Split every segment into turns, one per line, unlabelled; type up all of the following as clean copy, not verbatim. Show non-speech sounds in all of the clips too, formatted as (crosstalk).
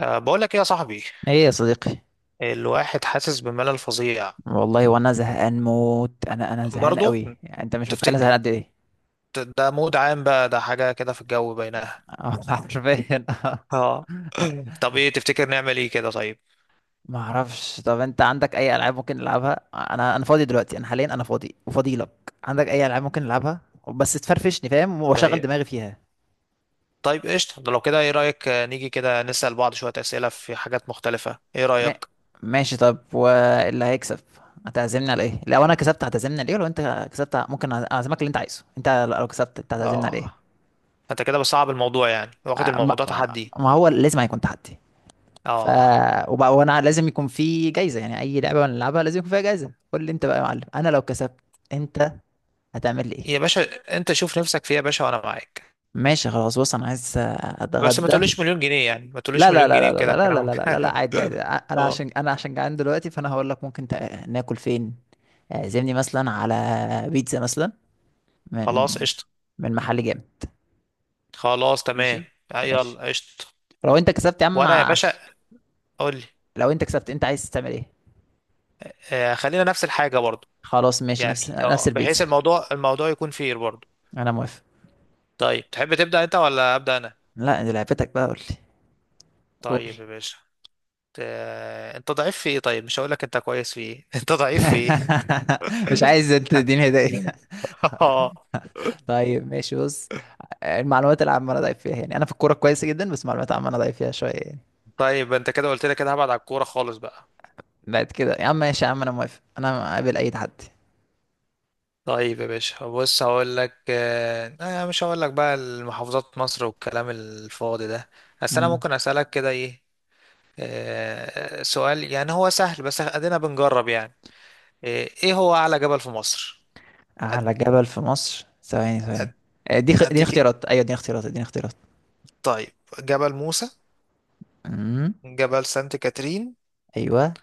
أه بقول لك ايه يا صاحبي.
ايه يا صديقي.
الواحد حاسس بملل فظيع.
والله وانا زهقان موت. انا زهقان
برضه
قوي يعني، انت مش متخيل أنا زهقان
تفتكر
قد ايه.
ده مود عام بقى، ده حاجة كده في الجو بينها.
(laughs) حرفيا آه.
اه (clears throat) (laughs) طب ايه تفتكر نعمل ايه كده طيب؟
ما اعرفش. طب انت عندك اي العاب ممكن نلعبها؟ انا فاضي دلوقتي، انا حاليا انا فاضي وفاضي لك. عندك اي العاب ممكن نلعبها؟ بس تفرفشني فاهم، واشغل
طيب
دماغي فيها.
طيب قشطة، ده لو كده ايه رأيك؟ نيجي كده نسأل بعض شوية أسئلة في حاجات مختلفة، ايه
ما...
رأيك؟
ماشي. طب واللي هيكسب هتعزمني على ايه؟ لو انا كسبت هتعزمني على ايه، ولو انت كسبت ممكن اعزمك اللي انت عايزه انت. لو كسبت انت هتعزمني
اه
على ايه؟
انت كده بتصعب الموضوع، يعني واخد
آه، ما...
الموضوع تحدي.
ما هو لازم هيكون تحدي. ف
اه
وبقى وانا لازم يكون في جايزه. يعني اي لعبه بنلعبها لازم يكون فيها جايزه. قول لي انت بقى يا معلم، انا لو كسبت انت هتعمل لي ايه؟
يا باشا، انت شوف نفسك فيها يا باشا وانا معاك.
ماشي خلاص، بص انا عايز
بس ما
اتغدى.
تقوليش مليون جنيه، يعني ما
لا
تقوليش
لا
مليون جنيه
لا لا
وكده
لا لا لا لا
كلامك.
لا لا لا،
(laughs)
عادي عادي، انا
اه
عشان انا عشان جعان دلوقتي، فانا هقول لك ممكن ناكل فين. اعزمني مثلا على بيتزا مثلا، من
خلاص قشطة،
من محل جامد.
خلاص تمام.
ماشي. ماشي.
يلا قشطة.
لو انت كسبت يا عم
وانا يا باشا، قول لي.
لو انت كسبت انت عايز تعمل ايه؟
آه، خلينا نفس الحاجة برضو.
خلاص ماشي،
يعني
نفس
اه بحيث
البيتزا.
الموضوع يكون فير برضو.
انا موافق.
طيب تحب تبدأ انت ولا أبدأ انا؟
لا دي لعبتك بقى، قول لي. قول.
طيب يا باشا، آه انت ضعيف في ايه؟ طيب مش هقول لك انت كويس في ايه، (laughs) انت ضعيف في ايه؟
(laughs) مش عايز انت تديني هدايا.
(laughs)
(laughs) طيب ماشي، بص، المعلومات العامة انا ضعيف فيها يعني، انا في الكورة كويس جدا بس المعلومات العامة انا ضعيف فيها شوية يعني.
طيب انت كده قلت لي كده، هبعد على الكورة خالص بقى.
بعد كده يا عم، ماشي يا عم، انا موافق، انا قابل اي تحدي.
طيب يا باشا، بص هقول لك مش هقول لك بقى المحافظات مصر والكلام الفاضي ده. بس انا
مم.
ممكن اسألك كده ايه؟ سؤال يعني هو سهل، بس ادينا بنجرب يعني. ايه هو اعلى جبل في مصر؟ أد...
اعلى جبل في مصر؟ ثواني
أد...
ثواني. دي
اديك إيه؟
اختيارات، ايوه دي اختيارات دي اختيارات.
طيب، جبل موسى،
امم.
جبل سانت كاترين،
ايوه.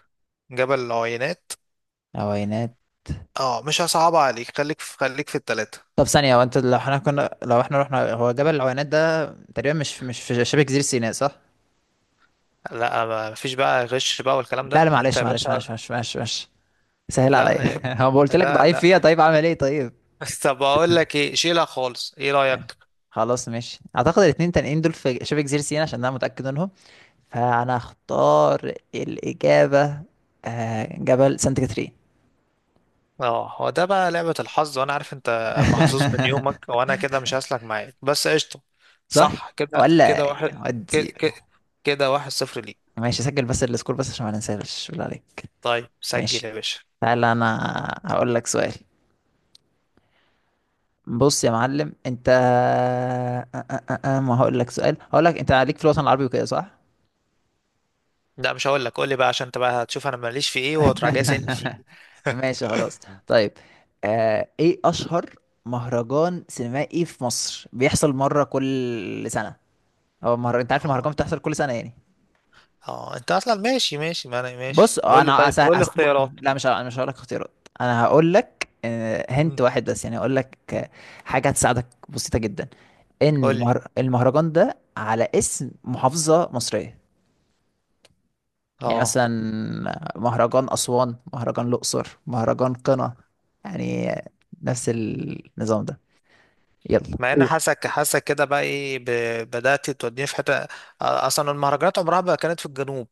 جبل العوينات.
العوينات.
اه مش هصعب عليك، خليك في التلاتة.
طب ثانية، هو انت لو احنا كنا لو احنا رحنا، هو جبل العوينات ده تقريبا مش في مش في شبه جزيرة سيناء صح؟
لا ما فيش بقى غش بقى والكلام ده
لا لا،
انت
معلش
يا
معلش معلش
باشا.
معلش معلش، معلش. سهل عليا.
لا
(laughs) هو قلت لك
لا
ضعيف فيها،
لا
طيب اعمل ايه طيب؟
(laughs) طب اقول لك ايه، شيلها خالص، ايه رأيك؟
خلاص ماشي، اعتقد الاتنين تانيين دول في شبه جزيرة سيناء عشان انا متأكد منهم، فانا اختار الاجابة جبل سانت كاترين.
اه هو ده بقى لعبة الحظ، وانا عارف انت محظوظ من يومك
(laughs)
وانا كده مش هسلك معاك، بس قشطة.
صح
صح كده
ولا؟
كده واحد. كده
ودي
كده، كده واحد صفر ليك.
ماشي، سجل بس السكور بس عشان ما ننساش بالله عليك.
طيب سجل
ماشي.
يا باشا.
تعالى انا هقول لك سؤال. بص يا معلم انت، أ- أ- أ- أ- ما هقول لك سؤال، هقول لك انت عليك في الوطن العربي وكده صح.
لا مش هقول لك، قول لي بقى، عشان انت بقى هتشوف انا ماليش في ايه وتراجع جاي سني في
(laughs)
ايه.
ماشي خلاص. طيب، آه، ايه اشهر مهرجان سينمائي في مصر بيحصل مره كل سنه؟ هو مهرجان، انت عارف المهرجان
اه
بتحصل كل سنه يعني.
اه انت اصلا ماشي، ما انا
بص
ماشي. قول لي،
انا
طيب قول لي اختيارات.
لا مش ه- انا مش هقول لك اختيارات، انا هقول لك. هنت
مم.
واحد بس يعني، هقول لك حاجه هتساعدك بسيطه جدا، ان
قول لي.
المهرجان ده على اسم محافظه مصريه. يعني
اه
مثلا مهرجان أسوان، مهرجان الأقصر، مهرجان قنا، يعني
مم.
نفس النظام ده. يلا
مع ان
قول.
حاسك كده بقى ايه بدأت توديني في حتة. آه، اصلا المهرجانات عمرها ما كانت في الجنوب.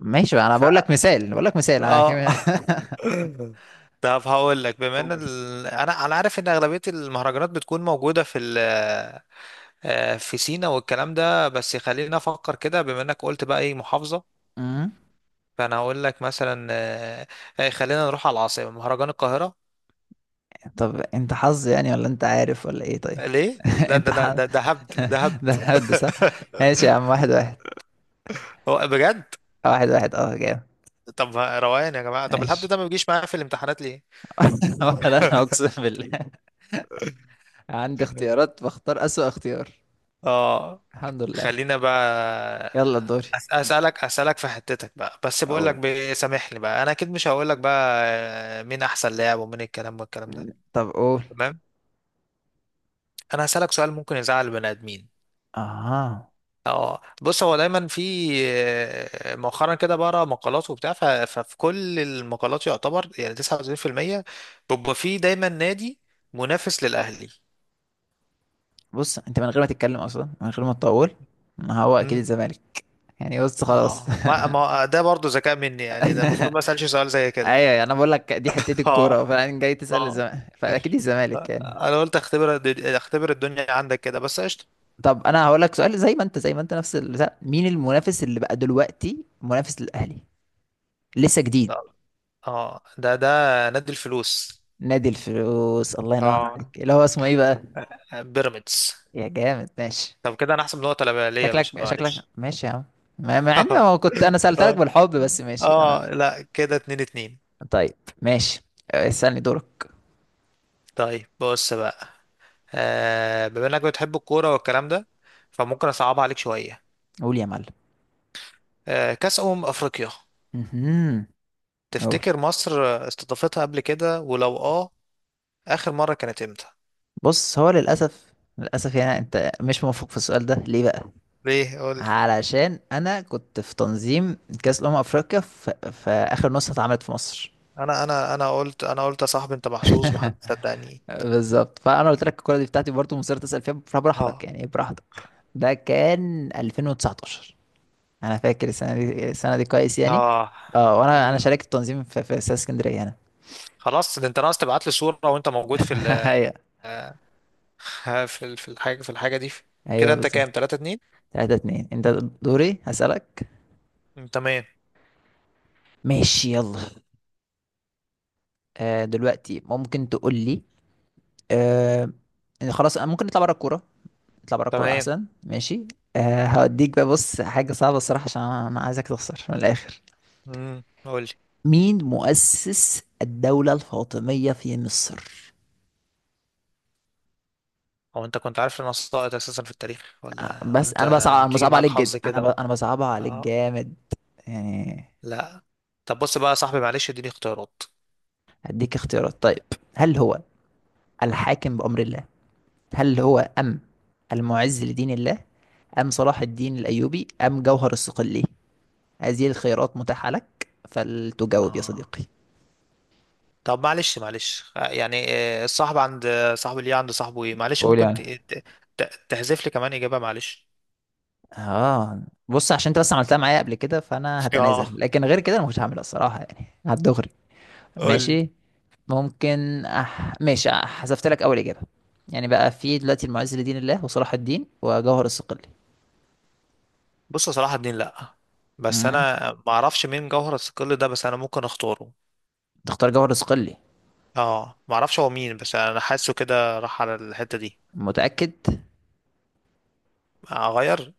ماشي بقى، انا
ف...
بقول لك مثال بقول لك مثال،
اه. (laughs)
(laughs)
طب هقول لك بما ان
قول.
انا عارف ان اغلبيه المهرجانات بتكون موجوده في آه، في سينا والكلام ده، بس خلينا افكر كده بما انك قلت بقى ايه محافظه.
أمم.
فانا هقول لك مثلا، خلينا نروح على العاصمه، مهرجان القاهره.
طب انت حظ يعني ولا انت عارف ولا ايه طيب؟
ليه
(laughs)
لا، ده
انت
انا
حظ.
ده هبد، ده
(laughs)
هبد.
ده حد صح. ماشي يا
(laughs)
عم، واحد واحد.
هو بجد.
واحد واحد، اه جامد.
طب روقان يا جماعه، طب الهبد
ماشي.
ده ما بيجيش معايا في الامتحانات.
(laughs) ولا انا، اقسم بالله عندي
ليه؟
اختيارات بختار اسوأ اختيار.
اه
الحمد لله.
خلينا بقى.
يلا دوري.
اسالك في حتتك بقى، بس بقول لك
قول.
سامحني بقى، انا اكيد مش هقول لك بقى آه، مين احسن لاعب ومين الكلام ده.
طب قول.
تمام. انا هسالك سؤال ممكن يزعل البني ادمين.
اه،
اه بص، هو دايما في آه، مؤخرا كده بقرا مقالات وبتاع، ففي كل المقالات يعتبر يعني 99% بيبقى في دايما نادي منافس للاهلي.
بص انت من غير ما تتكلم اصلا، من غير ما تطول، ما هو اكيد
مم.
الزمالك يعني. بص خلاص.
اه ما
(laughs)
ما ده برضو ذكاء مني، يعني ده المفروض ما اسالش سؤال زي كده.
ايوه انا بقول لك دي حتتي
(laughs)
الكوره،
اه
فانا جاي تسال
اه،
الزمالك، فاكيد الزمالك يعني.
انا قلت اختبر، اختبر الدنيا عندك كده، بس قشطه.
طب انا هقول لك سؤال زي ما انت، زي ما انت، نفس البتاع. مين المنافس اللي بقى دلوقتي منافس للاهلي لسه جديد؟
طب. اه ده نادي الفلوس.
نادي الفلوس. الله ينور عليك،
اه
اللي هو اسمه ايه بقى؟
بيراميدز.
يا جامد ماشي.
طب كده انا احسب نقطه ليا، ليا يا باشا
شكلك شكلك
معلش.
ماشي يا عم، مع مع اني
(laughs)
ما كنت انا سالت لك
اه
بالحب، بس ماشي انا.
اه، لا كده اتنين.
طيب ماشي، اسالني دورك.
طيب بص بقى، آه بما انك بتحب الكوره والكلام ده فممكن اصعب عليك شويه.
قول يا معلم.
آه كاس افريقيا،
مهم. قول.
تفتكر مصر استضافتها قبل كده؟ ولو اه اخر مره كانت امتى؟
بص هو للأسف للأسف يعني، أنت مش موفق في السؤال ده، ليه بقى؟
ليه قول.
علشان أنا كنت في تنظيم كأس الأمم أفريقيا في، في آخر نسخة اتعملت في مصر.
انا قلت، انا قلت يا صاحبي انت محظوظ، ما حد صدقني.
بالظبط، فأنا قلت لك الكورة دي بتاعتي برضه، مصر تسأل فيها، فبراحتك
ها.
يعني، إيه براحتك. ده كان 2019، أنا فاكر السنة دي، السنة دي كويس يعني.
ها.
اه، وأنا
امم،
شاركت التنظيم في، في استاد اسكندرية أنا.
خلاص ده انت ناقص تبعت لي صورة وانت موجود في
(laughs)
ال...
أيوه.
(laughs) في في الحاجة دي. كده
أيوه
انت
بالظبط.
كام؟ 3 2.
3 2 أنت. دوري هسألك.
تمام.
ماشي يلا. دلوقتي ممكن تقول لي، آه، إن خلاص أنا ممكن نطلع بره الكوره. نطلع بره الكوره
تمام.
احسن ماشي. أه هوديك بقى، بص حاجه صعبه الصراحه، عشان أنا عايزك تخسر من الاخر.
قول لي.
مين مؤسس الدوله الفاطميه في مصر؟
هو انت كنت عارف ان انا ساقط اساسا في التاريخ ولا
بس
انت
انا بصعب، انا
بتيجي
بصعب
معاك
عليك
حظ
جدا،
كده؟
انا بصعبها عليك
اه.
جامد يعني.
لا. طب بص بقى يا صاحبي، معلش اديني اختيارات.
هديك اختيارات طيب. هل هو الحاكم بأمر الله، هل هو أم المعز لدين الله، أم صلاح الدين الأيوبي، أم جوهر الصقلي؟ هذه الخيارات متاحة لك فلتجاوب يا
اه.
صديقي.
طب معلش آه، يعني آه، الصاحب عند آه، صاحب اللي عند صاحبه ايه، معلش
قول
ممكن
يعني.
تحذف لي كمان اجابه معلش.
اه بص، عشان انت بس عملتها معايا قبل كده فانا
(laughs) اه
هتنازل، لكن غير كده انا مش هعملها الصراحة يعني هتدغري.
قول لي.
ماشي. ماشي. حذفت لك اول اجابة. يعني بقى في دلوقتي المعز لدين الله، وصلاح الدين، وجوهر الصقلي.
بص صلاح الدين لا، بس
امم.
انا ما اعرفش مين جوهر الثقل ده، بس انا ممكن اختاره.
تختار جوهر الصقلي؟
اه ما اعرفش هو مين، بس انا حاسه كده راح على الحته دي.
متأكد؟
اغير.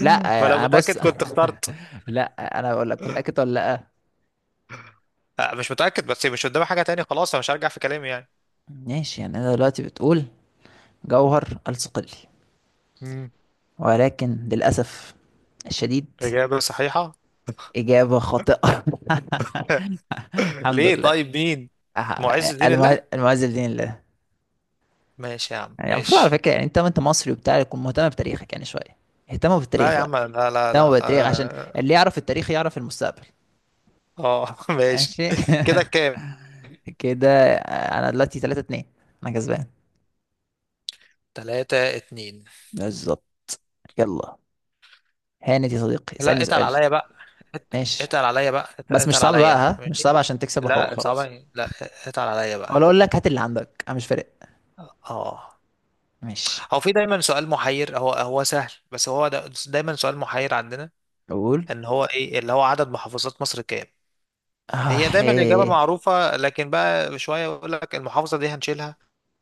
لا
فلو
انا بص.
متاكد كنت اخترت.
(laughs) لا، انا بقول لك متأكد ولا لا.
آه، مش متاكد، بس مش قدامي حاجه تانية، خلاص انا مش هرجع في كلامي يعني.
ماشي يعني، انا دلوقتي بتقول جوهر الصقلي.
مم.
ولكن للأسف الشديد،
اجابه صحيحه.
إجابة خاطئة. (laughs)
(laughs)
الحمد
ليه
لله.
طيب مين؟ معز الدين الله.
المعز بدين الله.
ماشي يا عم،
يعني المفروض على
ماشي.
فكرة يعني، أنت وأنت مصري وبتاع، تكون مهتم بتاريخك يعني شوية. اهتموا
لا
بالتاريخ
يا
بقى.
عم، لا لا
اهتموا
لا
بالتاريخ عشان
اه.
اللي يعرف التاريخ يعرف المستقبل.
آه، (laughs)
ماشي.
ماشي. كده كام؟
(laughs) كده أنا دلوقتي 3 2، أنا كسبان.
تلاتة اتنين.
بالظبط. يلا، هانت يا صديقي،
لا
اسألني
اتقل
سؤال.
عليا بقى. ات-
ماشي.
اتقل عليا بقى،
بس مش
اتقل
صعب بقى،
عليا
ها، مش صعب
ماشي.
عشان تكسب وحقوق
لا
خلاص.
صعبة لا، اتقل عليا
ولا
بقى.
أقول لك هات اللي عندك، أنا مش فارق.
اه
ماشي.
هو في دايما سؤال محير، هو سهل بس هو دا دايما سؤال محير عندنا،
قول.
ان هو ايه اللي هو عدد محافظات مصر كام؟ هي
اه
دايما الإجابة
إيه.
معروفة، لكن بقى شوية يقول لك المحافظة دي هنشيلها،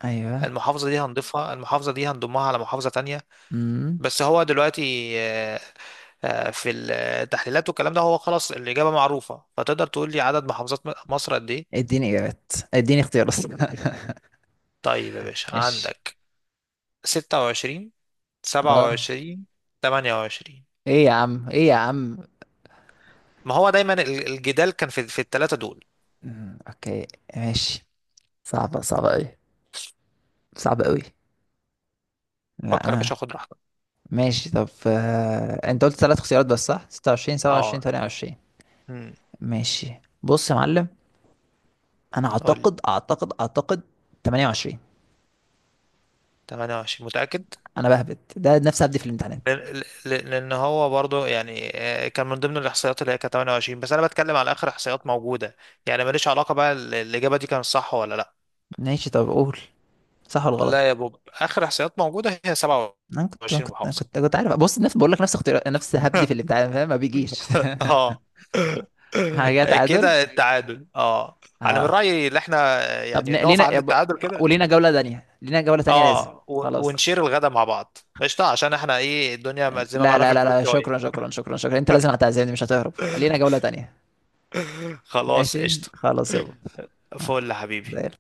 ايوه.
المحافظة دي هنضيفها، المحافظة دي هنضمها على محافظة تانية.
امم.
بس هو دلوقتي في التحليلات والكلام ده هو خلاص الإجابة معروفة، فتقدر تقول لي عدد محافظات مصر قد إيه؟
اديني اجابات، اديني اختيارات.
طيب يا
(laughs)
باشا،
ماشي.
عندك 26،
اه.
27، 28.
ايه يا عم ايه يا عم؟
ما هو دايما الجدال كان في الثلاثة دول.
مم، اوكي. ماشي. صعبة، صعبة اوي، صعبة اوي. لا
فكر يا باشا،
انا.
خد راحتك.
ماشي. طب انت قلت ثلاث اختيارات بس صح، 26 27
اه
28.
امم
ماشي بص يا معلم، انا
قول لي.
اعتقد اعتقد اعتقد 28.
28 متأكد؟
بهبت ده نفسي هبدي في الامتحانات.
لأن هو برضو يعني آه، كان من ضمن الإحصائيات اللي هي كانت 28، بس أنا بتكلم على آخر إحصائيات موجودة. يعني ماليش علاقة بقى الإجابة دي كانت صح ولا لأ.
ماشي. طب قول، صح ولا غلط؟
لا يا بوب، اخر احصائيات موجوده هي
انا كنت أنا
27
كنت أنا
محافظه.
كنت أنا كنت عارف، بص، نفس، بقول لك نفس اختيار، نفس هبدي في الامتحان فاهم ما بيجيش.
(laughs) اه
(laughs) حاجه تعادل.
كده التعادل اه. انا من
ها.
رايي ان احنا
طب
يعني نقف عند التعادل كده.
ولينا جوله تانية، لينا جوله تانية لازم.
اه
خلاص
ونشير الغدا مع بعض قشطه، عشان احنا ايه الدنيا مأزمه
لا
معانا في
لا لا
الفلوس
لا، شكرا
شويه.
شكرا شكرا شكرا، انت لازم هتعزمني، مش هتهرب، لينا جوله تانية.
(laughs) خلاص
ماشي
قشطه.
خلاص يابا. آه،
فل يا حبيبي.
زي الفل.